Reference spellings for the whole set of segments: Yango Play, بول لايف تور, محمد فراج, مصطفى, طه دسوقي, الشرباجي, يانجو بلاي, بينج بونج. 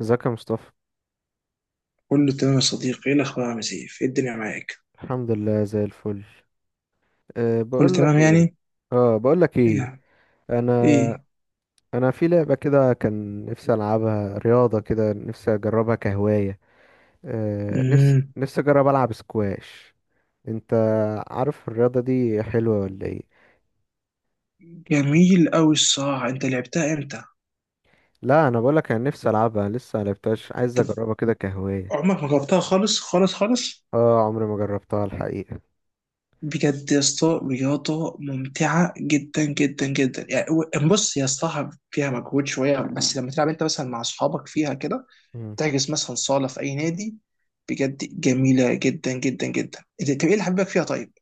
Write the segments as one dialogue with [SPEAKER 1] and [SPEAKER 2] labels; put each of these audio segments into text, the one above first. [SPEAKER 1] ازيك يا مصطفى؟
[SPEAKER 2] كله تمام يا صديقي، ايه الاخبار؟ عامل ايه الدنيا معاك؟
[SPEAKER 1] الحمد لله زي الفل. أه
[SPEAKER 2] كله
[SPEAKER 1] بقول
[SPEAKER 2] تمام
[SPEAKER 1] لك ايه.
[SPEAKER 2] يعني.
[SPEAKER 1] اه بقول لك ايه
[SPEAKER 2] ايه؟
[SPEAKER 1] انا
[SPEAKER 2] ايه؟
[SPEAKER 1] انا في لعبه كده، كان نفسي العبها، رياضه كده نفسي اجربها كهوايه. أه نفسي
[SPEAKER 2] مم.
[SPEAKER 1] نفسي اجرب العب سكواش. انت عارف الرياضه دي حلوه ولا ايه؟
[SPEAKER 2] جميل قوي الصراحه، انت لعبتها امتى؟
[SPEAKER 1] لا انا بقول لك انا نفسي العبها، لسه ملعبتهاش، عايز
[SPEAKER 2] طب،
[SPEAKER 1] اجربها كده كهوايه.
[SPEAKER 2] عمرك ما جربتها خالص خالص خالص؟
[SPEAKER 1] اه عمري ما جربتها الحقيقه.
[SPEAKER 2] بجد يا اسطى، رياضه ممتعه جدا جدا جدا يعني. بص، هي الصراحه فيها مجهود شويه، بس لما تلعب انت مثلا مع اصحابك فيها كده
[SPEAKER 1] مم.
[SPEAKER 2] تحجز مثلا صاله في اي نادي. بجد جميله جدا جدا جدا. طب ايه اللي حبيبك فيها طيب؟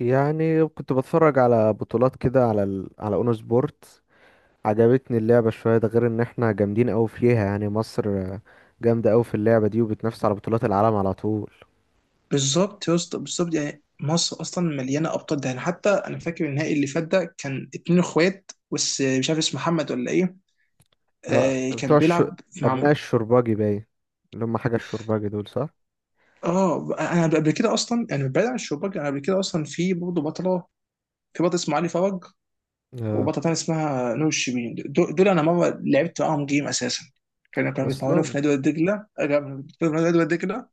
[SPEAKER 1] يعني كنت بتفرج على بطولات كده على على اونو سبورت. عجبتني اللعبة شوية، ده غير ان احنا جامدين اوي فيها، يعني مصر جامدة اوي في اللعبة دي، وبتنافس على بطولات العالم على طول.
[SPEAKER 2] بالظبط يا اسطى، بالظبط. يعني مصر اصلا مليانه ابطال. ده يعني حتى انا فاكر النهائي اللي فات ده كان اتنين اخوات، بس مش عارف اسمه محمد ولا ايه.
[SPEAKER 1] اه
[SPEAKER 2] آه،
[SPEAKER 1] بتوع
[SPEAKER 2] كان
[SPEAKER 1] الش...
[SPEAKER 2] بيلعب مع
[SPEAKER 1] ابناء الشرباجي باين، اللي هم حاجة الشرباجي دول صح؟
[SPEAKER 2] اه، انا قبل كده اصلا يعني، بعيد عن الشباك، انا قبل كده اصلا في برضه بطله، في بطل اسمه علي فرج،
[SPEAKER 1] اه.
[SPEAKER 2] وبطله تانية اسمها نور الشربيني. دول انا مره لعبت معاهم جيم اساسا. كانوا بيتمرنوا
[SPEAKER 1] اصلا.
[SPEAKER 2] في نادي وادي دجله. آه، كانوا بيتمرنوا في نادي وادي دجله.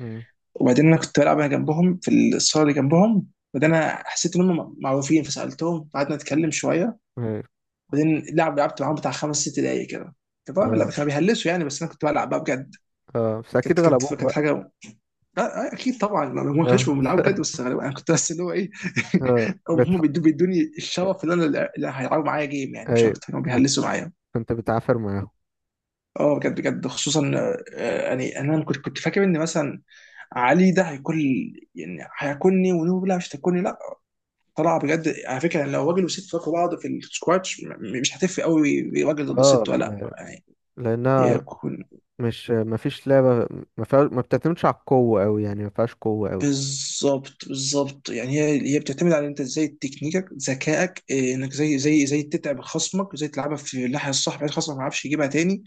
[SPEAKER 1] امم.
[SPEAKER 2] وبعدين انا كنت بلعب انا جنبهم في الصاله اللي جنبهم. وبعدين انا حسيت ان هم معروفين فسالتهم، قعدنا نتكلم شويه.
[SPEAKER 1] ايوه.
[SPEAKER 2] وبعدين لعبت معاهم بتاع خمس ست دقايق كده. كانت طبعا لا،
[SPEAKER 1] اه.
[SPEAKER 2] كانوا بيهلسوا يعني، بس انا كنت بلعب بقى بجد.
[SPEAKER 1] اه بس اكيد
[SPEAKER 2] كانت كانت
[SPEAKER 1] غلبوك
[SPEAKER 2] كانت
[SPEAKER 1] بقى.
[SPEAKER 2] حاجه. آه، اكيد طبعا لو هم
[SPEAKER 1] اه
[SPEAKER 2] كانوا بيلعبوا بجد، بس غالبا انا كنت بس اللي هو ايه.
[SPEAKER 1] اه
[SPEAKER 2] أو
[SPEAKER 1] بتح...
[SPEAKER 2] هم بيدو- بيدوني الشرف اللي انا اللي هيلعبوا معايا جيم يعني، مش
[SPEAKER 1] ايوه
[SPEAKER 2] اكتر. كانوا
[SPEAKER 1] بت...
[SPEAKER 2] بيهلسوا معايا.
[SPEAKER 1] كنت بتعافر معاهم.
[SPEAKER 2] اه بجد بجد خصوصا. آه، يعني انا كنت فاكر ان مثلا علي ده هيكون يعني هياكلني. ونوبه لا، مش هتاكلني، لا. طلع بجد على فكره يعني. لو راجل وست فاكوا بعض في السكواتش مش هتفرق قوي، راجل ضد
[SPEAKER 1] اه
[SPEAKER 2] ست ولا لا
[SPEAKER 1] لا-
[SPEAKER 2] يعني؟ هي
[SPEAKER 1] لانها
[SPEAKER 2] كل.
[SPEAKER 1] مش مفيش لعبة ما فيها ما بتعتمدش على القوة اوي، يعني ما فيهاش قوة اوي.
[SPEAKER 2] بالظبط، بالظبط. يعني هي بتعتمد على انت ازاي، تكنيكك، ذكائك، إيه، انك زي تتعب خصمك، زي تلعبها في الناحيه الصح بحيث خصمك ما يعرفش يجيبها تاني،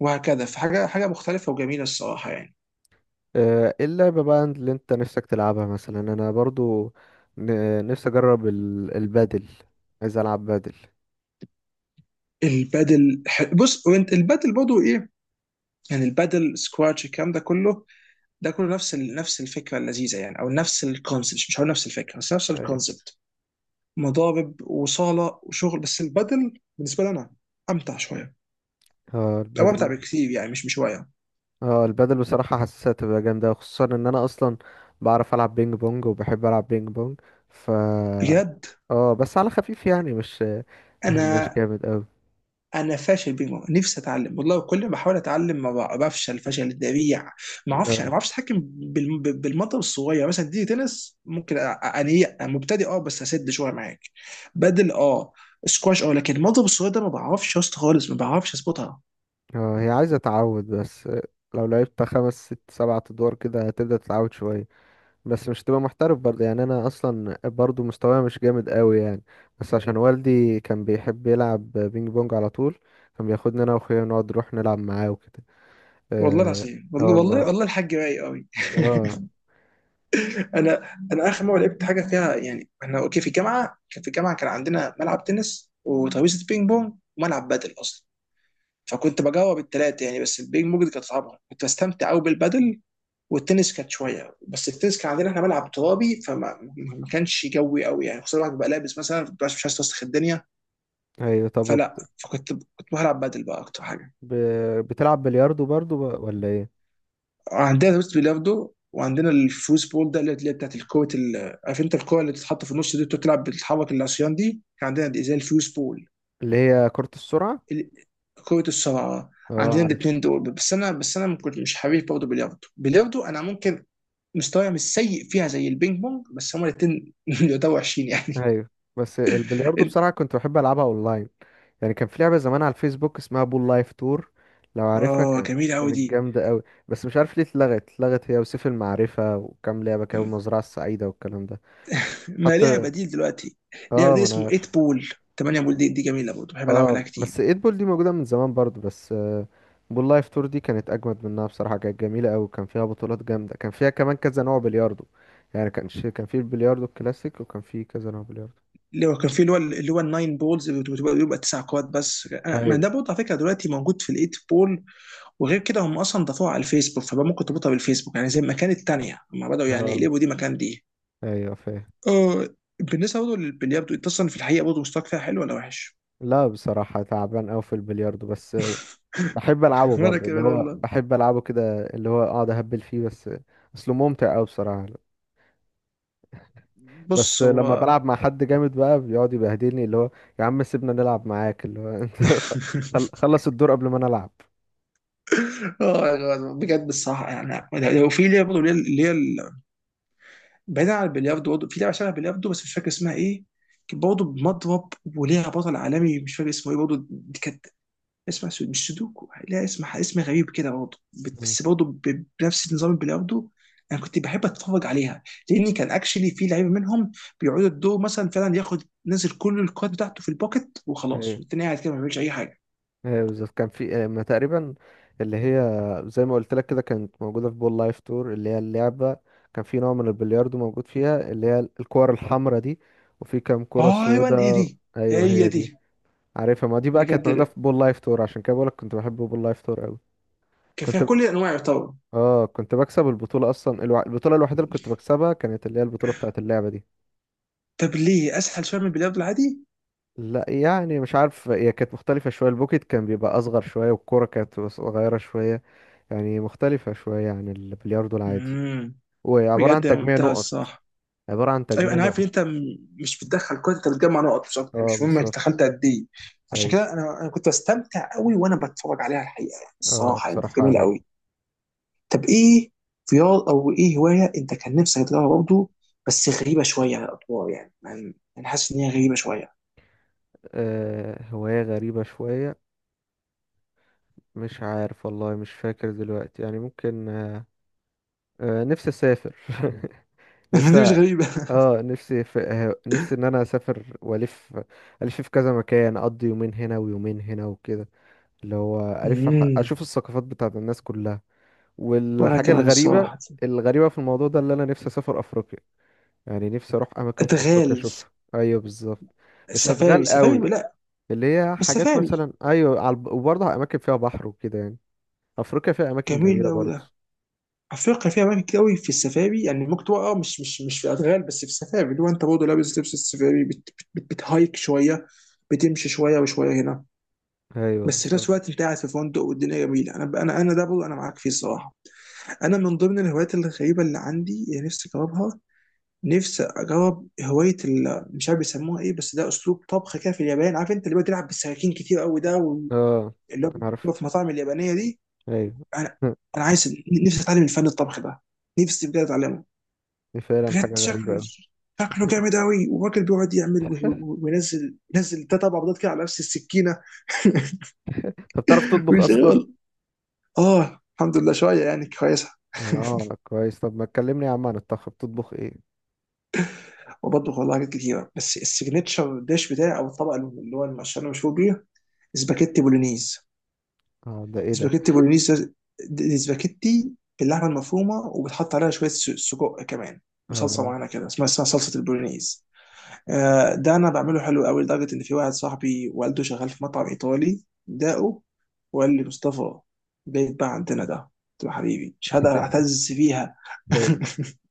[SPEAKER 2] وهكذا. حاجه مختلفه وجميله الصراحه يعني.
[SPEAKER 1] ايه اللعبة بقى اللي انت نفسك تلعبها؟ مثلا انا برضو نفسي اجرب البادل، عايز العب بادل.
[SPEAKER 2] بص، وانت البادل برضه ايه؟ يعني البادل، سكواتش، الكلام ده كله، ده كله نفس نفس الفكره اللذيذه يعني، او نفس الكونسبت. مش هقول نفس الفكره، بس نفس
[SPEAKER 1] أيوة.
[SPEAKER 2] الكونسبت. مضارب وصاله وشغل. بس البدل بالنسبه لي انا امتع شويه.
[SPEAKER 1] اه
[SPEAKER 2] او امتع
[SPEAKER 1] البادل.
[SPEAKER 2] بكثير يعني، مش بشويه.
[SPEAKER 1] اه البادل بصراحة حاسسها تبقى جامدة، خصوصا ان انا اصلا بعرف العب بينج بونج وبحب العب بينج بونج. ف
[SPEAKER 2] بجد
[SPEAKER 1] اه بس على خفيف يعني، مش مش
[SPEAKER 2] انا
[SPEAKER 1] جامد اوي.
[SPEAKER 2] انا فاشل بينج بونج. نفسي اتعلم والله. كل ما بحاول اتعلم ما بع- بفشل فشل ذريع. ما اعرفش،
[SPEAKER 1] اه
[SPEAKER 2] انا ما بعرفش اتحكم بالمضرب الصغير. يعني مثلا دي تنس ممكن انيق مبتدئ، اه، بس اسد شويه معاك. بدل، اه. سكواش، اه. لكن المضرب الصغير ده ما بعرفش يا اسطى خالص، ما بعرفش اظبطها.
[SPEAKER 1] هي عايزة تعود بس. لو لعبت خمس ست سبعة ادوار كده هتبدأ تتعود شوية، بس مش تبقى محترف برضه يعني. انا اصلا برضه مستواي مش جامد قوي يعني، بس عشان والدي كان بيحب يلعب بينج بونج على طول، كان بياخدني انا واخويا نقعد نروح نلعب معاه وكده.
[SPEAKER 2] والله
[SPEAKER 1] اه.
[SPEAKER 2] العظيم،
[SPEAKER 1] آه
[SPEAKER 2] والله،
[SPEAKER 1] والله.
[SPEAKER 2] والله، والله، الحاج رايق قوي.
[SPEAKER 1] اه.
[SPEAKER 2] انا انا اخر مره لعبت حاجه فيها يعني، احنا اوكي، في الجامعه، كان في الجامعه كان عندنا ملعب تنس، وترابيزه بينج بونج، وملعب بادل اصلا. فكنت بجاوب الثلاثه يعني، بس البينج بونج دي كانت صعبه. كنت بستمتع قوي بالبادل. والتنس كانت شويه. بس التنس كان عندنا احنا ملعب ترابي، ما كانش جوي قوي يعني، خصوصا الواحد بيبقى لابس مثلا مش عايز توسخ الدنيا.
[SPEAKER 1] ايوه.
[SPEAKER 2] فلا، كنت بلعب بادل بقى اكتر حاجه.
[SPEAKER 1] ب... بتلعب بلياردو برضه ب- ولا ايه؟
[SPEAKER 2] عندنا روست بيلاردو، وعندنا الفوز بول ده، اللي هي بتاعت الكوره، عارف انت الكوره اللي بتتحط في النص دي، بتقعد تلعب، بتتحرك العصيان دي. كان عندنا دي زي الفوز بول.
[SPEAKER 1] اللي هي كرة السرعة.
[SPEAKER 2] ال- كرة الصراعة. عندنا
[SPEAKER 1] اه.
[SPEAKER 2] الاثنين دول. بس انا كنت مش حريف. برضه بلياردو، انا ممكن مستواي مش سيء فيها زي البينج بونج، بس هما الاثنين يعتبروا وحشين يعني.
[SPEAKER 1] ايوه بس البلياردو بصراحة كنت بحب ألعبها أونلاين. يعني كان في لعبة زمان على الفيسبوك اسمها بول لايف تور، لو عارفها.
[SPEAKER 2] اه
[SPEAKER 1] كانت
[SPEAKER 2] جميلة قوي دي.
[SPEAKER 1] كانت جامدة أوي، بس مش عارف ليه اتلغت، هي وسيف المعرفة وكام لعبة كده، والمزرعة السعيدة والكلام ده.
[SPEAKER 2] ما ليها
[SPEAKER 1] حتى
[SPEAKER 2] بديل دلوقتي. ليها
[SPEAKER 1] اه
[SPEAKER 2] بديل
[SPEAKER 1] ما أنا
[SPEAKER 2] اسمه
[SPEAKER 1] عارف.
[SPEAKER 2] 8 بول. 8 بول دي جميلة برضه. بحب العب
[SPEAKER 1] اه
[SPEAKER 2] عليها
[SPEAKER 1] بس
[SPEAKER 2] كتير.
[SPEAKER 1] ايد بول دي موجودة من زمان برضه، بس بول لايف تور دي كانت أجمد منها بصراحة، كانت جميلة أوي، كان فيها بطولات جامدة، كان فيها كمان كذا نوع بلياردو. يعني كانش كان في البلياردو الكلاسيك، وكان في كذا نوع بلياردو.
[SPEAKER 2] اللي هو كان في اللي هو الناين بولز، بتبقى بيبقى تسع كوات. بس ما
[SPEAKER 1] ايوه.
[SPEAKER 2] ده برضه على فكره دلوقتي موجود في الايت بول. وغير كده هم اصلا ضافوها على الفيسبوك، فبقى ممكن تربطها بالفيسبوك يعني، زي ما كانت الثانيه. هم بداوا يعني
[SPEAKER 1] اه
[SPEAKER 2] يقلبوا دي مكان دي.
[SPEAKER 1] ايوه فاهم.
[SPEAKER 2] اه. بالنسبه برضه للبلياردو، انت اصلا في الحقيقه برضه مستواك فيها حلو ولا وحش؟
[SPEAKER 1] لا بصراحة تعبان أوي في البلياردو، بس بحب ألعبه
[SPEAKER 2] وانا
[SPEAKER 1] برضه، اللي
[SPEAKER 2] كمان
[SPEAKER 1] هو
[SPEAKER 2] والله.
[SPEAKER 1] بحب ألعبه كده، اللي هو أقعد أهبل فيه بس. أصله ممتع أوي بصراحة. بس
[SPEAKER 2] بص
[SPEAKER 1] لما
[SPEAKER 2] هو.
[SPEAKER 1] بلعب مع حد جامد بقى بيقعد يبهدلني، اللي هو يا عم سيبنا نلعب معاك، اللي هو أنت خلص الدور قبل ما نلعب.
[SPEAKER 2] اه بجد الصراحه يعني، لو في لعبه برضه، اللي هي بعيدا عن البلياردو، برضه في لعبه شبه البلياردو بس مش فاكر اسمها ايه. كانت برضه بمضرب وليها بطل عالمي مش فاكر اسمه ايه برضه. دي كانت اسمها مش سودوكو لا، اسم غريب كده برضه.
[SPEAKER 1] مم.
[SPEAKER 2] بس برضه بنفس نظام البلياردو. انا كنت بحب اتفرج عليها، لان كان اكشلي في لعيبه منهم بيقعدوا الدور مثلا فعلا ياخد نزل كل الكارد بتاعته في البوكت وخلاص،
[SPEAKER 1] ايه.
[SPEAKER 2] والتاني قاعد كده ما بيعملش اي حاجه.
[SPEAKER 1] ايه بالظبط، كان في ما تقريبا، اللي هي زي ما قلت لك كده، كانت موجودة في بول لايف تور، اللي هي اللعبة. كان في نوع من البلياردو موجود فيها، اللي هي الكور الحمراء دي، وفي كام كرة
[SPEAKER 2] ايوه، ايه
[SPEAKER 1] سودا.
[SPEAKER 2] دي؟
[SPEAKER 1] ايوه
[SPEAKER 2] هي
[SPEAKER 1] هي
[SPEAKER 2] دي.
[SPEAKER 1] دي. عارفها، ما دي بقى كانت
[SPEAKER 2] بجد
[SPEAKER 1] موجودة
[SPEAKER 2] لا.
[SPEAKER 1] في بول لايف تور، عشان كده بقولك كنت بحب بول لايف تور قوي.
[SPEAKER 2] كان فيها
[SPEAKER 1] كنت
[SPEAKER 2] كل الانواع يعتبر.
[SPEAKER 1] اه كنت بكسب البطولة اصلا، البطولة الوحيدة اللي كنت بكسبها كانت اللي هي البطولة بتاعة اللعبة دي.
[SPEAKER 2] طب ليه اسهل شويه من البلياردو العادي؟
[SPEAKER 1] لا يعني مش عارف، هي كانت مختلفة شوية، البوكيت كان بيبقى اصغر شوية، والكورة كانت صغيرة شوية، يعني مختلفة شوية عن البلياردو العادي.
[SPEAKER 2] مم.
[SPEAKER 1] وعبارة
[SPEAKER 2] بجد
[SPEAKER 1] عن
[SPEAKER 2] يا
[SPEAKER 1] تجميع
[SPEAKER 2] ممتاز
[SPEAKER 1] نقط.
[SPEAKER 2] الصراحه.
[SPEAKER 1] عبارة عن
[SPEAKER 2] ايوه،
[SPEAKER 1] تجميع
[SPEAKER 2] انا عارف ان
[SPEAKER 1] نقط.
[SPEAKER 2] انت مش بتدخل كويس، انت بتجمع نقط مش اكتر يعني،
[SPEAKER 1] اه
[SPEAKER 2] مش مهم انت
[SPEAKER 1] بالظبط.
[SPEAKER 2] دخلت قد ايه. عشان
[SPEAKER 1] ايوه.
[SPEAKER 2] كده انا كنت بستمتع قوي وانا بتفرج عليها الحقيقه يعني.
[SPEAKER 1] اه
[SPEAKER 2] الصراحه يعني كانت
[SPEAKER 1] بصراحة
[SPEAKER 2] جميله
[SPEAKER 1] رايق.
[SPEAKER 2] قوي. طب ايه رياض او ايه هوايه انت كان نفسك تجربها برضه؟ بس غريبه شويه على الاطوار يعني، يعني انا حاسس ان هي غريبه شويه.
[SPEAKER 1] آه هواية غريبة شوية، مش عارف والله، مش فاكر دلوقتي يعني. ممكن نفسي اسافر نفسي
[SPEAKER 2] دي مش غريبه.
[SPEAKER 1] اه نفسي في... آه، نفسي ان انا اسافر والف، الف في كذا مكان، اقضي يومين هنا ويومين هنا وكده، اللي هو الف
[SPEAKER 2] امم.
[SPEAKER 1] اشوف الثقافات بتاعت الناس كلها.
[SPEAKER 2] وانا
[SPEAKER 1] والحاجه
[SPEAKER 2] كمان
[SPEAKER 1] الغريبه،
[SPEAKER 2] الصراحه.
[SPEAKER 1] الغريبه في الموضوع ده، اللي انا نفسي اسافر افريقيا، يعني نفسي اروح اماكن في افريقيا
[SPEAKER 2] ادغال؟
[SPEAKER 1] اشوفها. ايوه بالظبط. مش
[SPEAKER 2] السفاري؟
[SPEAKER 1] هتغال
[SPEAKER 2] سفاري؟
[SPEAKER 1] قوي،
[SPEAKER 2] لا،
[SPEAKER 1] اللي هي
[SPEAKER 2] بس
[SPEAKER 1] حاجات
[SPEAKER 2] سفاري.
[SPEAKER 1] مثلا، ايوه على وبرضه اماكن فيها بحر وكده يعني. افريقيا فيها اماكن
[SPEAKER 2] جميل
[SPEAKER 1] جميله
[SPEAKER 2] قوي.
[SPEAKER 1] برضه.
[SPEAKER 2] افريقيا فيها اماكن كتير قوي في السفاري يعني. ممكن تبقى اه، مش في ادغال بس في السفاري، اللي هو انت برضه لابس لبس السفاري، بت بت بت بتهايك شويه، بتمشي شويه وشويه هنا.
[SPEAKER 1] ايوه
[SPEAKER 2] بس في
[SPEAKER 1] بالظبط.
[SPEAKER 2] نفس الوقت انت قاعد في فندق والدنيا جميله. انا ده برضه انا معاك فيه الصراحه. انا من ضمن الهوايات الغريبه اللي عندي اللي نفسي اجربها، نفسي اجرب هوايه مش عارف بيسموها ايه، بس ده اسلوب طبخ كده في اليابان. عارف انت اللي هو بتلعب بالسكاكين كتير قوي ده
[SPEAKER 1] اه
[SPEAKER 2] اللي هو
[SPEAKER 1] عارف.
[SPEAKER 2] بتبقى في المطاعم اليابانيه دي.
[SPEAKER 1] ايوه
[SPEAKER 2] انا انا عايز نفسي اتعلم الفن الطبخ ده. نفسي بجد اتعلمه.
[SPEAKER 1] دي فعلا
[SPEAKER 2] بجد
[SPEAKER 1] حاجة غريبة أوي.
[SPEAKER 2] شكله جامد قوي، وراجل بيقعد يعمل وينزل ينزل ده، طبعا بيضات كده على نفس السكينه.
[SPEAKER 1] طب بتعرف تطبخ أصلا؟
[SPEAKER 2] ويشغل. اه الحمد لله شويه يعني كويسه.
[SPEAKER 1] اه كويس، طب ما تكلمني يا عم عن الطبخ، بتطبخ ايه؟
[SPEAKER 2] وبطبخ والله حاجات كتيره. بس السيجنتشر ديش بتاعي او الطبق اللي هو عشان انا مشهور بيه، سباكيتي بولونيز.
[SPEAKER 1] اه ده ايه ده؟
[SPEAKER 2] سباكيتي بولونيز ده- دي سباكيتي باللحمه المفرومه، وبتحط عليها شويه سجق كمان، بصلصه
[SPEAKER 1] اه
[SPEAKER 2] معينه كده اسمها صلصه البولونيز. آه، ده انا بعمله حلو قوي لدرجه ان في واحد صاحبي والده شغال في مطعم ايطالي داقه وقال لي: مصطفى، جاي بقى عندنا ده. قلت له: حبيبي مش هقدر اعتز فيها.
[SPEAKER 1] هاي.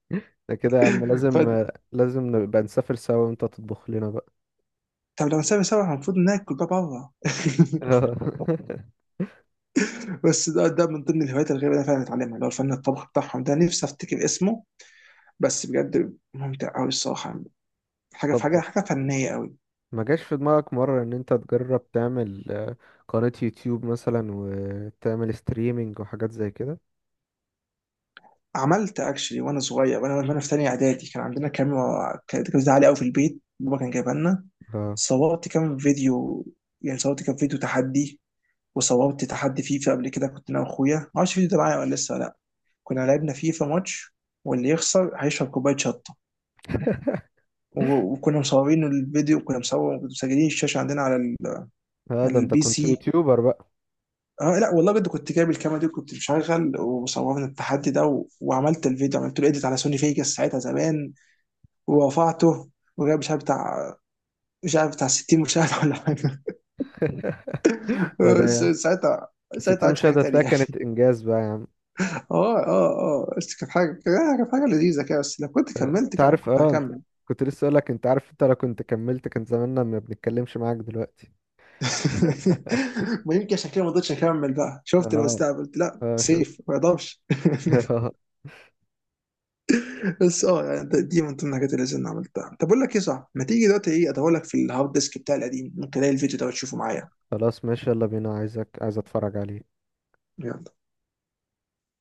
[SPEAKER 1] ده كده يا عم لازم،
[SPEAKER 2] ف.
[SPEAKER 1] لازم نبقى نسافر سوا وانت تطبخ لنا بقى.
[SPEAKER 2] طب لما نسافر سوا المفروض ناكل بقى بره.
[SPEAKER 1] آه.
[SPEAKER 2] بس ده من ضمن الهوايات الغريبه اللي انا فعلا اتعلمها، اللي هو الفن الطبخ بتاعهم ده. نفسي افتكر اسمه. بس بجد ممتع قوي الصراحه. حاجه في
[SPEAKER 1] طب
[SPEAKER 2] حاجه، حاجه فنيه قوي.
[SPEAKER 1] ما جاش في دماغك مرة ان انت تجرب تعمل قناة يوتيوب مثلا، وتعمل ستريمينج وحاجات زي كده؟
[SPEAKER 2] عملت اكشلي وانا صغير، وانا في ثانيه اعدادي، كان عندنا كاميرا، كانت عاليه قوي، في البيت، بابا كان جايبها لنا.
[SPEAKER 1] اه
[SPEAKER 2] صورت كام فيديو، يعني صورت كام فيديو تحدي. وصورت تحدي فيفا قبل كده، كنت انا واخويا ما اعرفش الفيديو ده معايا ولا لسه ولا لا. كنا لعبنا فيفا ماتش، واللي يخسر هيشرب كوبايه شطه. وكنا مصورين الفيديو، كنا مسجلين الشاشه عندنا على
[SPEAKER 1] اه ده
[SPEAKER 2] على
[SPEAKER 1] انت
[SPEAKER 2] البي
[SPEAKER 1] كنت
[SPEAKER 2] سي.
[SPEAKER 1] يوتيوبر بقى.
[SPEAKER 2] اه لا والله بجد كنت جايب الكاميرا دي، كنت مشغل، وصورنا التحدي ده، وعملت الفيديو، عملت له اديت على سوني فيجاس ساعتها زمان، ورفعته، وجايب مش عارف بتاع، 60 مشاهده ولا حاجه.
[SPEAKER 1] وده يعني.
[SPEAKER 2] ساعتها، ساعتها
[SPEAKER 1] بس
[SPEAKER 2] ما
[SPEAKER 1] دي
[SPEAKER 2] عملتش حاجه
[SPEAKER 1] مشاهدة هتلاقي
[SPEAKER 2] تانيه.
[SPEAKER 1] كانت انجاز بقى يا عم.
[SPEAKER 2] اه بس كانت حاجة، كانت حاجة لذيذة كده. بس لو كنت كملت
[SPEAKER 1] انت عارف،
[SPEAKER 2] كنت
[SPEAKER 1] اه انت
[SPEAKER 2] هكمل.
[SPEAKER 1] كنت لسه اقول لك، انت عارف انت لو كنت كملت كان زماننا ما بنتكلمش معاك دلوقتي.
[SPEAKER 2] ما يمكن عشان كده ما قدرتش اكمل بقى، شفت
[SPEAKER 1] اه.
[SPEAKER 2] المستقبل قلت لا
[SPEAKER 1] اه شوف
[SPEAKER 2] سيف ما يقدرش. بس اه يعني دي من ضمن الحاجات اللي انا عملتها. طب اقول لك ايه، صح، ما تيجي دلوقتي، ايه، ادور لك في الهارد ديسك بتاعي القديم ممكن الاقي الفيديو ده وتشوفه معايا؟
[SPEAKER 1] خلاص ماشي، يلا بينا، عايزك عايز اتفرج عليه.
[SPEAKER 2] يلا.